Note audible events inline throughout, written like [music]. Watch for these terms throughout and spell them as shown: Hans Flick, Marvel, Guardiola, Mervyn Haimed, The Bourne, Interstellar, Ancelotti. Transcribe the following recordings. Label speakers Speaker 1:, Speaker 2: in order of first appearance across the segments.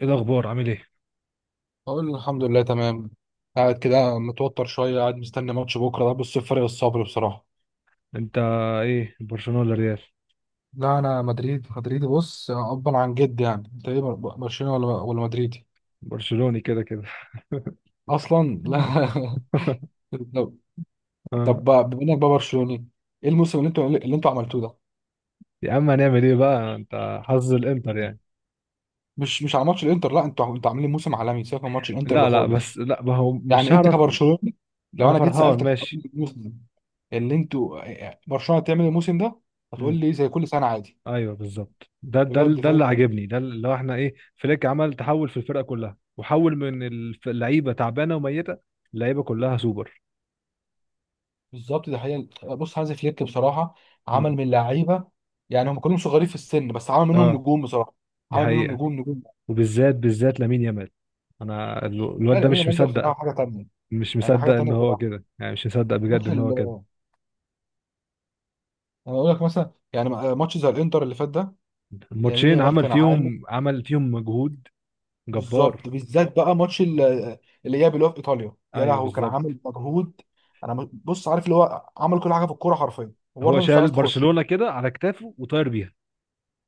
Speaker 1: ايه الاخبار؟ عامل ايه؟
Speaker 2: بقول له الحمد لله تمام. قاعد كده متوتر شوية، قاعد مستني ماتش بكرة ده. بص فرق الصبر بصراحة.
Speaker 1: انت ايه، برشلونه ولا ريال؟
Speaker 2: لا أنا مدريد مدريدي. بص أبا عن جد، يعني أنت إيه برشلوني ولا مدريدي؟
Speaker 1: برشلوني كده كده.
Speaker 2: أصلا لا.
Speaker 1: [laughs]
Speaker 2: [laughs] طب. طب
Speaker 1: آه.
Speaker 2: بقى بما إنك بقى برشلوني، إيه الموسم اللي أنتوا عملتوه ده؟
Speaker 1: يا عم هنعمل ايه بقى؟ انت حظ الانتر يعني.
Speaker 2: مش على ماتش الانتر، لا انتوا عاملين موسم عالمي، سيبك من ماتش الانتر ده
Speaker 1: لا لا،
Speaker 2: خالص.
Speaker 1: بس لا ما هو
Speaker 2: يعني
Speaker 1: مش
Speaker 2: انت
Speaker 1: هعرف.
Speaker 2: كبرشلوني، لو
Speaker 1: انا
Speaker 2: انا جيت
Speaker 1: فرحان
Speaker 2: سالتك قبل
Speaker 1: ماشي.
Speaker 2: الموسم اللي انتوا إيه، إيه، برشلونه هتعمل الموسم ده، هتقول
Speaker 1: امم
Speaker 2: لي زي كل سنه عادي.
Speaker 1: ايوه بالظبط، ده
Speaker 2: بجد
Speaker 1: اللي
Speaker 2: فاهم.
Speaker 1: عاجبني، ده اللي هو احنا ايه فليك عمل تحول في الفرقه كلها، وحول من اللعيبه تعبانه وميته. اللعيبه كلها سوبر.
Speaker 2: بالظبط ده حقيقة. بص هانز فليك بصراحة عمل
Speaker 1: امم
Speaker 2: من لعيبة، يعني هم كلهم صغيرين في السن بس عمل منهم
Speaker 1: اه
Speaker 2: نجوم بصراحة.
Speaker 1: دي
Speaker 2: عمل منهم
Speaker 1: حقيقه.
Speaker 2: نجوم نجوم.
Speaker 1: وبالذات لامين يامال. انا
Speaker 2: لا
Speaker 1: الواد
Speaker 2: لا
Speaker 1: ده
Speaker 2: يمين
Speaker 1: مش
Speaker 2: يامال ده
Speaker 1: مصدق.
Speaker 2: بصراحة حاجة تانية.
Speaker 1: مش
Speaker 2: يعني حاجة
Speaker 1: مصدق ان
Speaker 2: تانية
Speaker 1: هو
Speaker 2: بصراحة.
Speaker 1: كده، يعني مش مصدق بجد
Speaker 2: ماتش
Speaker 1: ان
Speaker 2: ال
Speaker 1: هو كده.
Speaker 2: أنا أقول لك مثلا، يعني ماتش زي الإنتر اللي فات ده. يمين
Speaker 1: الماتشين
Speaker 2: يامال كان عامل.
Speaker 1: عمل فيهم مجهود
Speaker 2: بالظبط،
Speaker 1: جبار.
Speaker 2: بالذات بقى الإياب اللي هو في إيطاليا، يا
Speaker 1: ايوه
Speaker 2: لهوي كان
Speaker 1: بالظبط،
Speaker 2: عامل مجهود. بص عارف اللي هو عمل كل حاجة في الكورة حرفيا،
Speaker 1: هو
Speaker 2: وبرضه مش
Speaker 1: شال
Speaker 2: عايز تخش.
Speaker 1: برشلونة كده على كتافه وطاير بيها.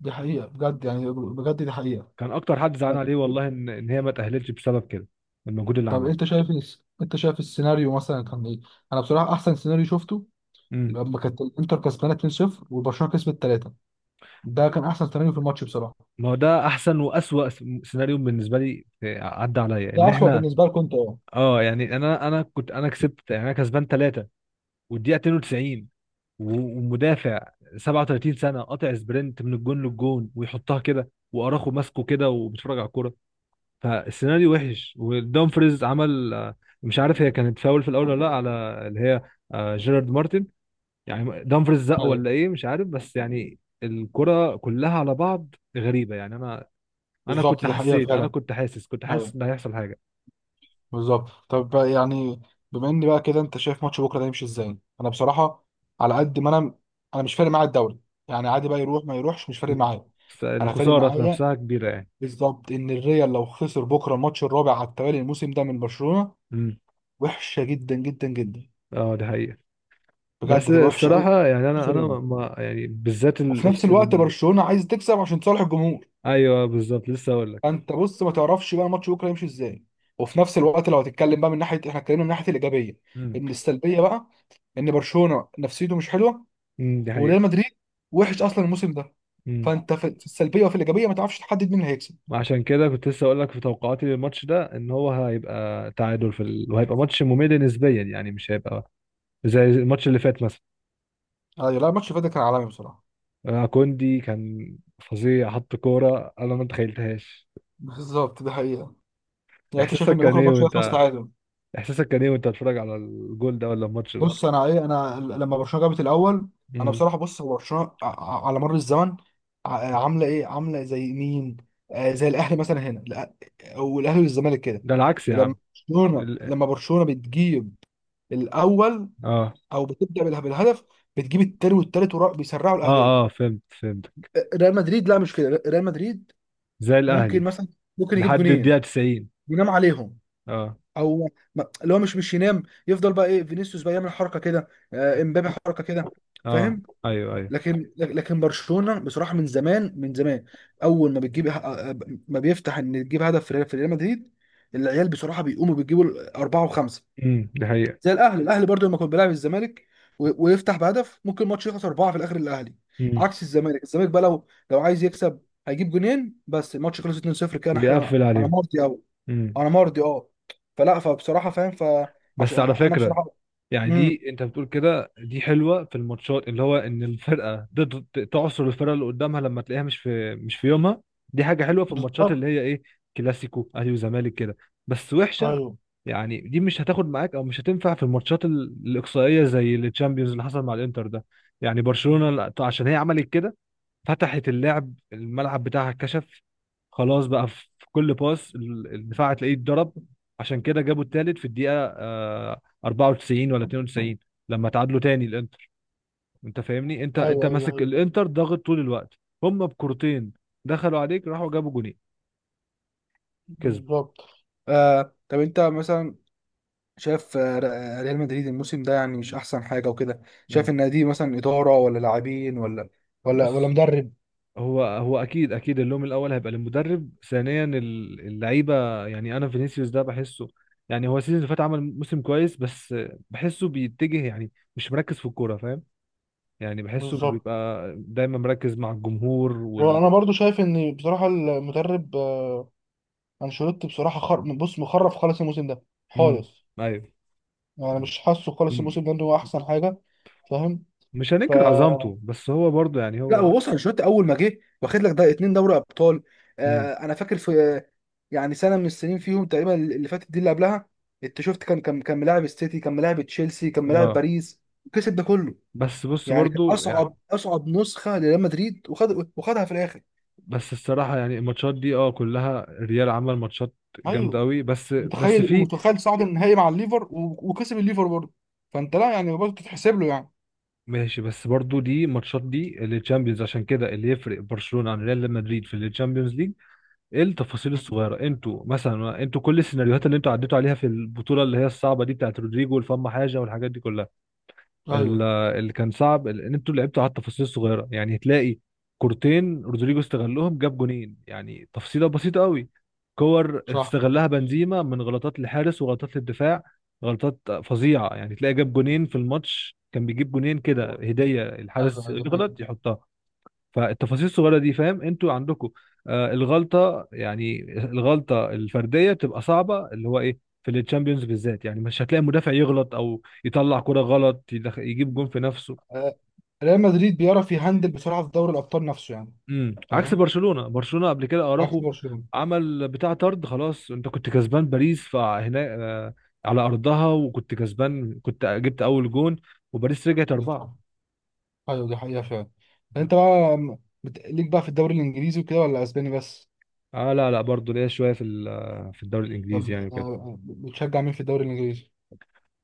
Speaker 2: دي حقيقة بجد، يعني بجد دي
Speaker 1: كان اكتر حد زعلان عليه
Speaker 2: حقيقة.
Speaker 1: والله، ان هي ما تأهلتش بسبب كده، المجهود اللي
Speaker 2: طب
Speaker 1: عمله.
Speaker 2: انت شايف انت شايف السيناريو مثلا كان ايه؟ انا بصراحه احسن سيناريو شفته
Speaker 1: امم
Speaker 2: لما كانت الانتر كسبانه 2-0 وبرشلونه كسبت 3، ده كان احسن سيناريو في الماتش بصراحه.
Speaker 1: ما هو ده احسن واسوأ سيناريو بالنسبة لي، عدى عليا ان
Speaker 2: ده اسوأ
Speaker 1: احنا
Speaker 2: بالنسبه لكم، انت اه.
Speaker 1: اه يعني انا كنت، انا كسبت يعني انا كسبان 3، والدقيقة 92، و- ومدافع 37 سنه قاطع سبرنت من الجون للجون، ويحطها كده واراخو ماسكه كده وبيتفرج على الكوره. فالسيناريو وحش، ودومفريز عمل مش عارف هي كانت فاول في الاول ولا لا، على اللي هي جيرارد مارتن، يعني دومفريز زق
Speaker 2: ايوه
Speaker 1: ولا ايه مش عارف، بس يعني الكرة كلها على بعض غريبة. يعني انا
Speaker 2: بالظبط،
Speaker 1: كنت
Speaker 2: دي حقيقه
Speaker 1: حسيت، انا
Speaker 2: فعلا.
Speaker 1: كنت
Speaker 2: ايوه
Speaker 1: حاسس ان هيحصل حاجة.
Speaker 2: بالظبط. طب بقى يعني بما ان بقى كده، انت شايف ماتش بكره ده يمشي ازاي؟ انا بصراحه، على قد ما انا، انا مش فارق معايا الدوري. يعني عادي بقى يروح ما يروحش، مش فارق
Speaker 1: مم.
Speaker 2: معايا.
Speaker 1: بس
Speaker 2: انا فارق
Speaker 1: الخسارة في
Speaker 2: معايا
Speaker 1: نفسها كبيرة يعني.
Speaker 2: بالظبط ان الريال لو خسر بكره الماتش الرابع على التوالي الموسم ده من برشلونه،
Speaker 1: مم.
Speaker 2: وحشه جدا جدا جدا.
Speaker 1: اه دي حقيقة. بس
Speaker 2: بجد هتبقى وحشه قوي.
Speaker 1: الصراحة يعني أنا ما يعني، بالذات
Speaker 2: وفي نفس الوقت برشلونه عايز تكسب عشان تصالح الجمهور.
Speaker 1: أيوه بالظبط لسه أقول لك.
Speaker 2: انت بص ما تعرفش بقى الماتش بكره يمشي ازاي. وفي نفس الوقت لو هتتكلم بقى من ناحيه، احنا اتكلمنا من ناحيه الايجابيه،
Speaker 1: امم
Speaker 2: ان السلبيه بقى، ان برشلونه نفسيته مش حلوه
Speaker 1: دي حقيقة.
Speaker 2: وريال مدريد وحش اصلا الموسم ده.
Speaker 1: امم
Speaker 2: فانت في السلبيه وفي الايجابيه ما تعرفش تحدد مين اللي هيكسب.
Speaker 1: عشان كده كنت لسه أقول لك في توقعاتي للماتش ده، إن هو هيبقى تعادل في وهيبقى ماتش ممل نسبيا، يعني مش هيبقى زي الماتش اللي فات مثلا.
Speaker 2: ايوه، لا الماتش اللي فات ده كان عالمي بصراحه.
Speaker 1: كوندي كان فظيع، حط كورة أنا ما تخيلتهاش.
Speaker 2: بالظبط ده حقيقه. يعني انت شايف ان
Speaker 1: إحساسك كان
Speaker 2: بكره
Speaker 1: إيه
Speaker 2: الماتش هيخلص
Speaker 1: وأنت
Speaker 2: تعادل.
Speaker 1: إحساسك كان إيه وأنت بتتفرج على الجول ده ولا الماتش ده؟
Speaker 2: بص انا ايه، انا لما برشلونه جابت الاول، انا
Speaker 1: امم
Speaker 2: بصراحه بص هو برشلونه على مر الزمن عامله ايه، عامله زي مين، آه زي الاهلي مثلا هنا والاهلي والزمالك كده.
Speaker 1: ده العكس يا
Speaker 2: لما
Speaker 1: عم.
Speaker 2: برشلونه
Speaker 1: ال...
Speaker 2: بتجيب الاول
Speaker 1: آه
Speaker 2: او بتبدا بالهدف، بتجيب التاني والتالت بيسرعوا
Speaker 1: آه
Speaker 2: الاهداف.
Speaker 1: آه، فهمت فهمت.
Speaker 2: ريال مدريد لا مش كده. ريال مدريد
Speaker 1: زي
Speaker 2: ممكن
Speaker 1: الأهلي.
Speaker 2: مثلا، ممكن يجيب
Speaker 1: لحد
Speaker 2: جونين
Speaker 1: الدقيقة 90.
Speaker 2: ينام عليهم،
Speaker 1: اه
Speaker 2: او اللي هو مش ينام، يفضل بقى ايه فينيسيوس بقى يعمل حركه كده، امبابي حركه كده،
Speaker 1: اه،
Speaker 2: فاهم.
Speaker 1: ايوه ايوه.
Speaker 2: لكن برشلونه بصراحه، من زمان اول ما بتجيب، ما بيفتح ان تجيب هدف في ريال مدريد، العيال بصراحه بيقوموا بيجيبوا اربعه وخمسه.
Speaker 1: دي حقيقة.
Speaker 2: زي الاهلي، الاهلي برضو لما كان بيلعب الزمالك ويفتح بهدف، ممكن الماتش يخلص اربعه في الاخر الاهلي.
Speaker 1: امم
Speaker 2: عكس الزمالك، الزمالك بقى لو عايز يكسب، هيجيب جونين بس الماتش خلص 2-0. كان احنا انا
Speaker 1: ويقفل
Speaker 2: انا
Speaker 1: عليهم.
Speaker 2: مرضي قوي.
Speaker 1: امم
Speaker 2: انا مرضي اه. فلا فبصراحه فاهم.
Speaker 1: بس
Speaker 2: فعشان
Speaker 1: على
Speaker 2: انا
Speaker 1: فكرة،
Speaker 2: بصراحه،
Speaker 1: يعني
Speaker 2: امم،
Speaker 1: دي انت بتقول كده دي حلوة في الماتشات، اللي هو ان الفرقة تقدر تعصر الفرقة اللي قدامها لما تلاقيها مش في يومها. دي حاجة حلوة في الماتشات
Speaker 2: بالظبط.
Speaker 1: اللي هي ايه، كلاسيكو اهلي وزمالك كده. بس وحشة،
Speaker 2: ايوه
Speaker 1: يعني دي مش هتاخد معاك او مش هتنفع في الماتشات الإقصائية زي التشامبيونز اللي حصل مع الانتر ده. يعني برشلونة عشان هي عملت كده، فتحت الملعب بتاعها اتكشف. خلاص بقى في كل باس الدفاع هتلاقيه اتضرب. عشان كده جابوا التالت في الدقيقة 94 ولا 92، لما تعادلوا تاني الانتر. انت فاهمني، انت
Speaker 2: ايوه ايوه,
Speaker 1: ماسك
Speaker 2: أيوة.
Speaker 1: الانتر ضاغط طول الوقت. هم بكورتين دخلوا عليك، راحوا جابوا جونين، كسبوا.
Speaker 2: بالظبط. آه طب انت مثلا شايف، ريال مدريد الموسم ده يعني مش احسن حاجه وكده.
Speaker 1: مم.
Speaker 2: شايف ان دي مثلا اداره ولا لاعبين ولا
Speaker 1: بص،
Speaker 2: مدرب؟
Speaker 1: هو اكيد اكيد اللوم الاول هيبقى للمدرب، ثانيا اللعيبه، يعني انا فينيسيوس ده بحسه، يعني هو السيزون اللي فات عمل موسم كويس، بس بحسه بيتجه يعني مش مركز في الكوره، فاهم؟ يعني بحسه
Speaker 2: بالظبط.
Speaker 1: بيبقى دايما مركز مع الجمهور
Speaker 2: وانا
Speaker 1: وال.
Speaker 2: برضو شايف ان بصراحه المدرب انشيلوتي بصراحه بص مخرف خالص الموسم ده
Speaker 1: امم
Speaker 2: خالص.
Speaker 1: ايوه.
Speaker 2: يعني مش حاسه خالص
Speaker 1: مم.
Speaker 2: الموسم ده ان هو احسن حاجه،
Speaker 1: مش هننكر
Speaker 2: فاهم.
Speaker 1: عظمته، بس هو برضه يعني
Speaker 2: لا هو
Speaker 1: هو.
Speaker 2: بص، انشيلوتي اول ما جه واخد لك ده اتنين دوري ابطال.
Speaker 1: امم
Speaker 2: آه انا فاكر في، يعني سنه من السنين فيهم تقريبا اللي فاتت دي اللي قبلها، انت شفت كان ملاعب السيتي، كان ملاعب تشيلسي، كان ملاعب
Speaker 1: اه.
Speaker 2: باريس، كسب ده كله.
Speaker 1: بس بص
Speaker 2: يعني كان
Speaker 1: برضه يعني،
Speaker 2: اصعب نسخه لريال مدريد، وخدها في الاخر.
Speaker 1: بس الصراحه يعني الماتشات دي اه كلها الريال عمل ماتشات جامده
Speaker 2: ايوه
Speaker 1: قوي، بس
Speaker 2: متخيل،
Speaker 1: في.
Speaker 2: ومتخيل صعد النهائي مع الليفر وكسب الليفر برضه. فانت لا يعني برضه تتحسب له يعني.
Speaker 1: ماشي، بس برضو دي ماتشات دي للتشامبيونز، عشان كده اللي يفرق برشلونة عن ريال مدريد في التشامبيونز ليج التفاصيل الصغيرة. انتوا كل السيناريوهات اللي انتوا عديتوا عليها في البطولة اللي هي الصعبة دي بتاعت رودريجو والفم حاجة والحاجات دي كلها.
Speaker 2: ايوه
Speaker 1: ال- اللي كان صعب ان انتوا لعبتوا على التفاصيل الصغيره، يعني تلاقي كورتين رودريجو استغلهم، جاب جونين، يعني تفصيله بسيطه قوي. كور
Speaker 2: صح.
Speaker 1: استغلها بنزيما من غلطات الحارس وغلطات الدفاع، غلطات فظيعه يعني، تلاقي جاب جونين في الماتش، كان بيجيب جونين كده
Speaker 2: بالظبط.
Speaker 1: هديه،
Speaker 2: ايوه
Speaker 1: الحارس
Speaker 2: ايوه دي حقيقة.
Speaker 1: يغلط يحطها. فالتفاصيل الصغيره دي فاهم انتوا عندكم، آه الغلطه، الفرديه بتبقى صعبه، اللي هو ايه في التشامبيونز بالذات. يعني مش هتلاقي مدافع يغلط او يطلع كرة غلط يجيب جون في نفسه.
Speaker 2: آه، ريال مدريد بيعرف يهندل بسرعه في دوري الابطال نفسه يعني.
Speaker 1: عكس
Speaker 2: فاهم،
Speaker 1: برشلونه، قبل كده
Speaker 2: عكس
Speaker 1: اراخو
Speaker 2: برشلونة.
Speaker 1: عمل بتاع طرد، خلاص انت كنت كسبان باريس فهنا آه، على ارضها، وكنت كسبان، كنت جبت اول جون، وباريس رجعت 4.
Speaker 2: بالظبط ايوه، دي حقيقة فعلا. انت بقى ليك بقى في الدوري الانجليزي وكده، ولا اسباني بس؟
Speaker 1: اه لا لا، برضه ليا شويه في في الدوري الانجليزي يعني
Speaker 2: طب
Speaker 1: وكده.
Speaker 2: بتشجع مين في الدوري الانجليزي؟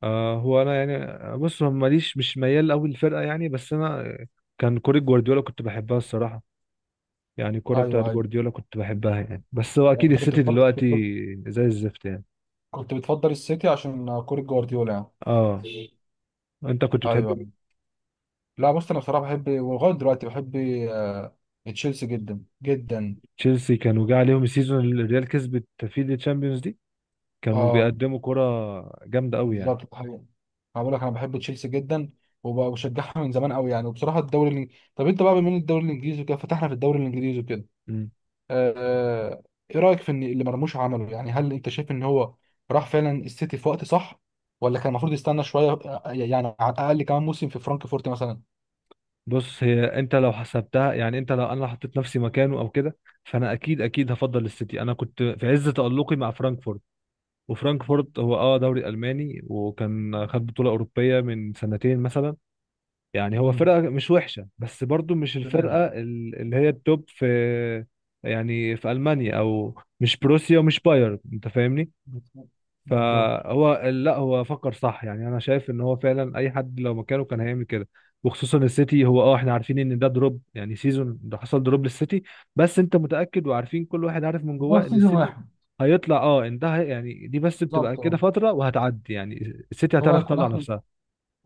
Speaker 1: آه هو انا يعني بص، هو ماليش، مش ميال قوي للفرقه يعني، بس انا كان كوره جوارديولا كنت بحبها الصراحه، يعني الكوره بتاعت
Speaker 2: ايوه ايوه.
Speaker 1: جوارديولا كنت بحبها يعني، بس هو اكيد
Speaker 2: انت كنت
Speaker 1: السيتي
Speaker 2: بتفضل
Speaker 1: دلوقتي
Speaker 2: كنت
Speaker 1: زي الزفت يعني.
Speaker 2: كنت بتفضل السيتي عشان كورة جوارديولا يعني.
Speaker 1: اه،
Speaker 2: ايوه
Speaker 1: انت كنت بتحب مين؟
Speaker 2: أيوة. لا بص، انا بصراحه بحب ولغايه دلوقتي بحب، آه، تشيلسي جدا جدا.
Speaker 1: تشيلسي كانوا جه عليهم السيزون اللي الريال كسبت فيه الشامبيونز دي، كانوا
Speaker 2: اه
Speaker 1: بيقدموا كوره جامده قوي يعني.
Speaker 2: بالظبط ده حقيقي. انا بقول لك انا بحب تشيلسي جدا وبشجعها من زمان قوي يعني. وبصراحه طب انت بقى بما ان الدوري الانجليزي وكده، فتحنا في الدوري الانجليزي وكده،
Speaker 1: مم.
Speaker 2: آه، ايه رايك في ان اللي مرموش عمله؟ يعني هل انت شايف ان هو راح فعلا السيتي في وقت صح، ولا كان المفروض يستنى شويه، يعني على الاقل كمان موسم في فرانكفورت مثلا؟
Speaker 1: بص، هي انت لو حسبتها يعني، انت لو انا لو حطيت نفسي مكانه او كده، فانا اكيد اكيد هفضل السيتي. انا كنت في عز تألقي مع فرانكفورت، وفرانكفورت هو اه دوري الماني، وكان خد بطوله اوروبيه من سنتين مثلا. يعني هو
Speaker 2: امم.
Speaker 1: فرقه مش وحشه، بس برضو مش
Speaker 2: تمام.
Speaker 1: الفرقه اللي هي التوب في يعني في المانيا، او مش بروسيا ومش بايرن، انت فاهمني.
Speaker 2: بالظبط. بالظبط.
Speaker 1: فهو لا هو فكر صح، يعني انا شايف ان هو فعلا اي حد لو مكانه كان هيعمل كده. وخصوصا السيتي، هو اه احنا عارفين ان ده دروب، يعني سيزون ده حصل دروب للسيتي، بس انت متاكد وعارفين كل واحد عارف من
Speaker 2: هو
Speaker 1: جواه ان
Speaker 2: سيزون
Speaker 1: السيتي
Speaker 2: واحد.
Speaker 1: هيطلع. اه ان ده يعني دي بس بتبقى
Speaker 2: بالظبط
Speaker 1: كده
Speaker 2: اه.
Speaker 1: فتره وهتعدي يعني، السيتي
Speaker 2: هو
Speaker 1: هتعرف
Speaker 2: هيكون
Speaker 1: تطلع
Speaker 2: اخر
Speaker 1: نفسها.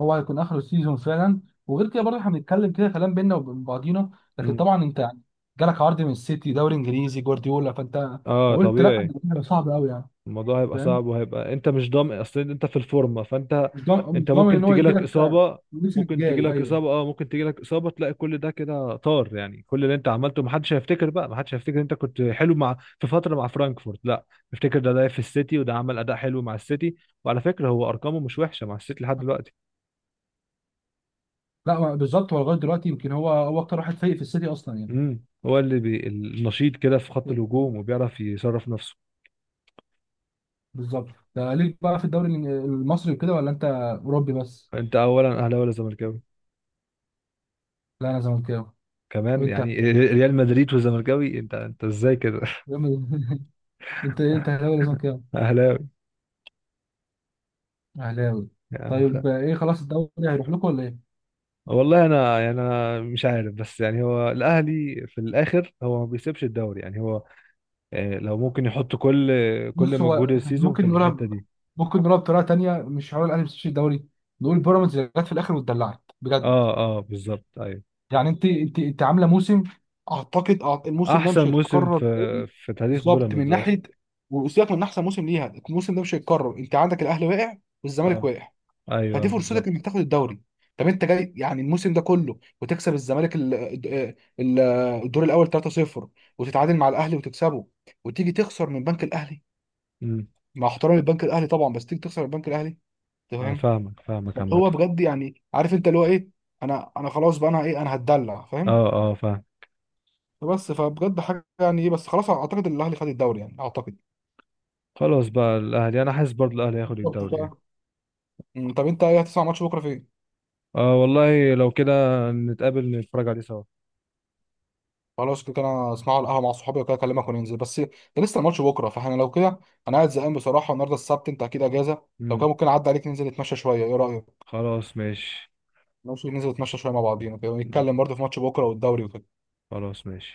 Speaker 2: هو هيكون اخر سيزون فعلا. وغير كده برضه احنا بنتكلم كده كلام بينا وبين بعضينا، لكن
Speaker 1: امم
Speaker 2: طبعا انت يعني جالك عرض من السيتي، دوري انجليزي، جوارديولا، فانت
Speaker 1: اه
Speaker 2: لو قلت لا انا
Speaker 1: طبيعي،
Speaker 2: هيبقى صعب قوي يعني.
Speaker 1: الموضوع هيبقى
Speaker 2: فاهم.
Speaker 1: صعب، وهيبقى انت مش ضامن اصلا انت في الفورمه، فانت
Speaker 2: مش ضامن مش
Speaker 1: انت
Speaker 2: ضامن
Speaker 1: ممكن
Speaker 2: ان هو يجي
Speaker 1: تجيلك
Speaker 2: لك
Speaker 1: اصابه،
Speaker 2: الموسم
Speaker 1: ممكن
Speaker 2: الجاي،
Speaker 1: تجيلك
Speaker 2: ايوه.
Speaker 1: اصابه، اه ممكن تجيلك اصابه تلاقي كل ده كده طار، يعني كل اللي انت عملته محدش هيفتكر بقى، محدش هيفتكر انت كنت حلو مع في فتره مع فرانكفورت، لا افتكر ده في السيتي، وده عمل اداء حلو مع السيتي، وعلى فكره هو ارقامه مش وحشه مع السيتي لحد دلوقتي.
Speaker 2: لا هو بالظبط، هو لغايه دلوقتي يمكن هو اكتر واحد فايق في السيتي اصلا يعني.
Speaker 1: هو اللي النشيط كده في خط الهجوم، وبيعرف يصرف نفسه.
Speaker 2: بالظبط ده ليك بقى في الدوري المصري وكده، ولا انت اوروبي بس؟
Speaker 1: فانت اولا اهلاوي ولا زملكاوي؟
Speaker 2: لا انا زملكاوي.
Speaker 1: كمان
Speaker 2: وانت؟
Speaker 1: يعني، ريال مدريد وزملكاوي، انت ازاي كده؟
Speaker 2: جامد. [laughs] انت ايه، انت اهلاوي ولا زملكاوي؟
Speaker 1: [laughs] اهلاوي.
Speaker 2: اهلاوي. طيب ايه، خلاص الدوري هيروح لكم ولا ايه؟
Speaker 1: والله انا يعني، انا مش عارف، بس يعني هو الاهلي في الاخر هو ما بيسيبش الدوري يعني، هو لو ممكن يحط كل
Speaker 2: بص
Speaker 1: مجهود
Speaker 2: هو
Speaker 1: السيزون في
Speaker 2: ممكن
Speaker 1: الحتة دي.
Speaker 2: ممكن نقولها بطريقه تانيه، مش هقول الاهلي بس الدوري، نقول بيراميدز اللي جت في الاخر واتدلعت بجد.
Speaker 1: اه اه بالظبط، ايوه.
Speaker 2: يعني انت عامله موسم، اعتقد الموسم ده
Speaker 1: احسن
Speaker 2: مش
Speaker 1: موسم
Speaker 2: هيتكرر
Speaker 1: في
Speaker 2: تاني.
Speaker 1: تاريخ
Speaker 2: بالظبط من
Speaker 1: بيراميدز اصلا.
Speaker 2: ناحيه، وسيبك من احسن موسم ليها، الموسم ده مش هيتكرر، انت عندك الاهلي واقع والزمالك
Speaker 1: اه
Speaker 2: واقع،
Speaker 1: ايوه
Speaker 2: فدي فرصتك
Speaker 1: بالظبط.
Speaker 2: انك تاخد الدوري. طب انت جاي يعني الموسم ده كله وتكسب الزمالك ال- الدور الاول 3-0، وتتعادل مع الاهلي وتكسبه، وتيجي تخسر من بنك الاهلي،
Speaker 1: امم
Speaker 2: مع احترامي البنك الاهلي طبعا، بس تيجي تخسر من بنك الاهلي.
Speaker 1: انا
Speaker 2: تمام.
Speaker 1: فاهمك فاهمك عامة.
Speaker 2: هو بجد يعني عارف انت اللي هو ايه. انا خلاص بقى، انا ايه، انا هتدلع فاهم.
Speaker 1: اه اه فاهم.
Speaker 2: بس فبجد حاجه يعني ايه، بس خلاص اعتقد الاهلي خد الدوري يعني اعتقد.
Speaker 1: خلاص بقى الاهلي، انا حاسس برضه الاهلي هياخد
Speaker 2: بالظبط
Speaker 1: الدوري يعني.
Speaker 2: بقى. مم، طب انت ايه، هتسمع ماتش بكره فين؟
Speaker 1: اه والله لو كده، نتقابل نتفرج عليه سوا.
Speaker 2: خلاص كده، انا اسمعه على القهوه مع صحابي وكده، اكلمك وننزل، بس ده لسه الماتش بكره، فاحنا لو كده، انا قاعد زهقان بصراحه، النهارده السبت انت اكيد اجازه، لو
Speaker 1: امم
Speaker 2: كان ممكن اعدي عليك ننزل نتمشى شويه، ايه رايك؟
Speaker 1: خلاص ماشي.
Speaker 2: ماشي، ننزل نتمشى شويه مع بعضينا كده،
Speaker 1: مم.
Speaker 2: ونتكلم برضه في ماتش بكره والدوري وكده.
Speaker 1: خلاص ماشي.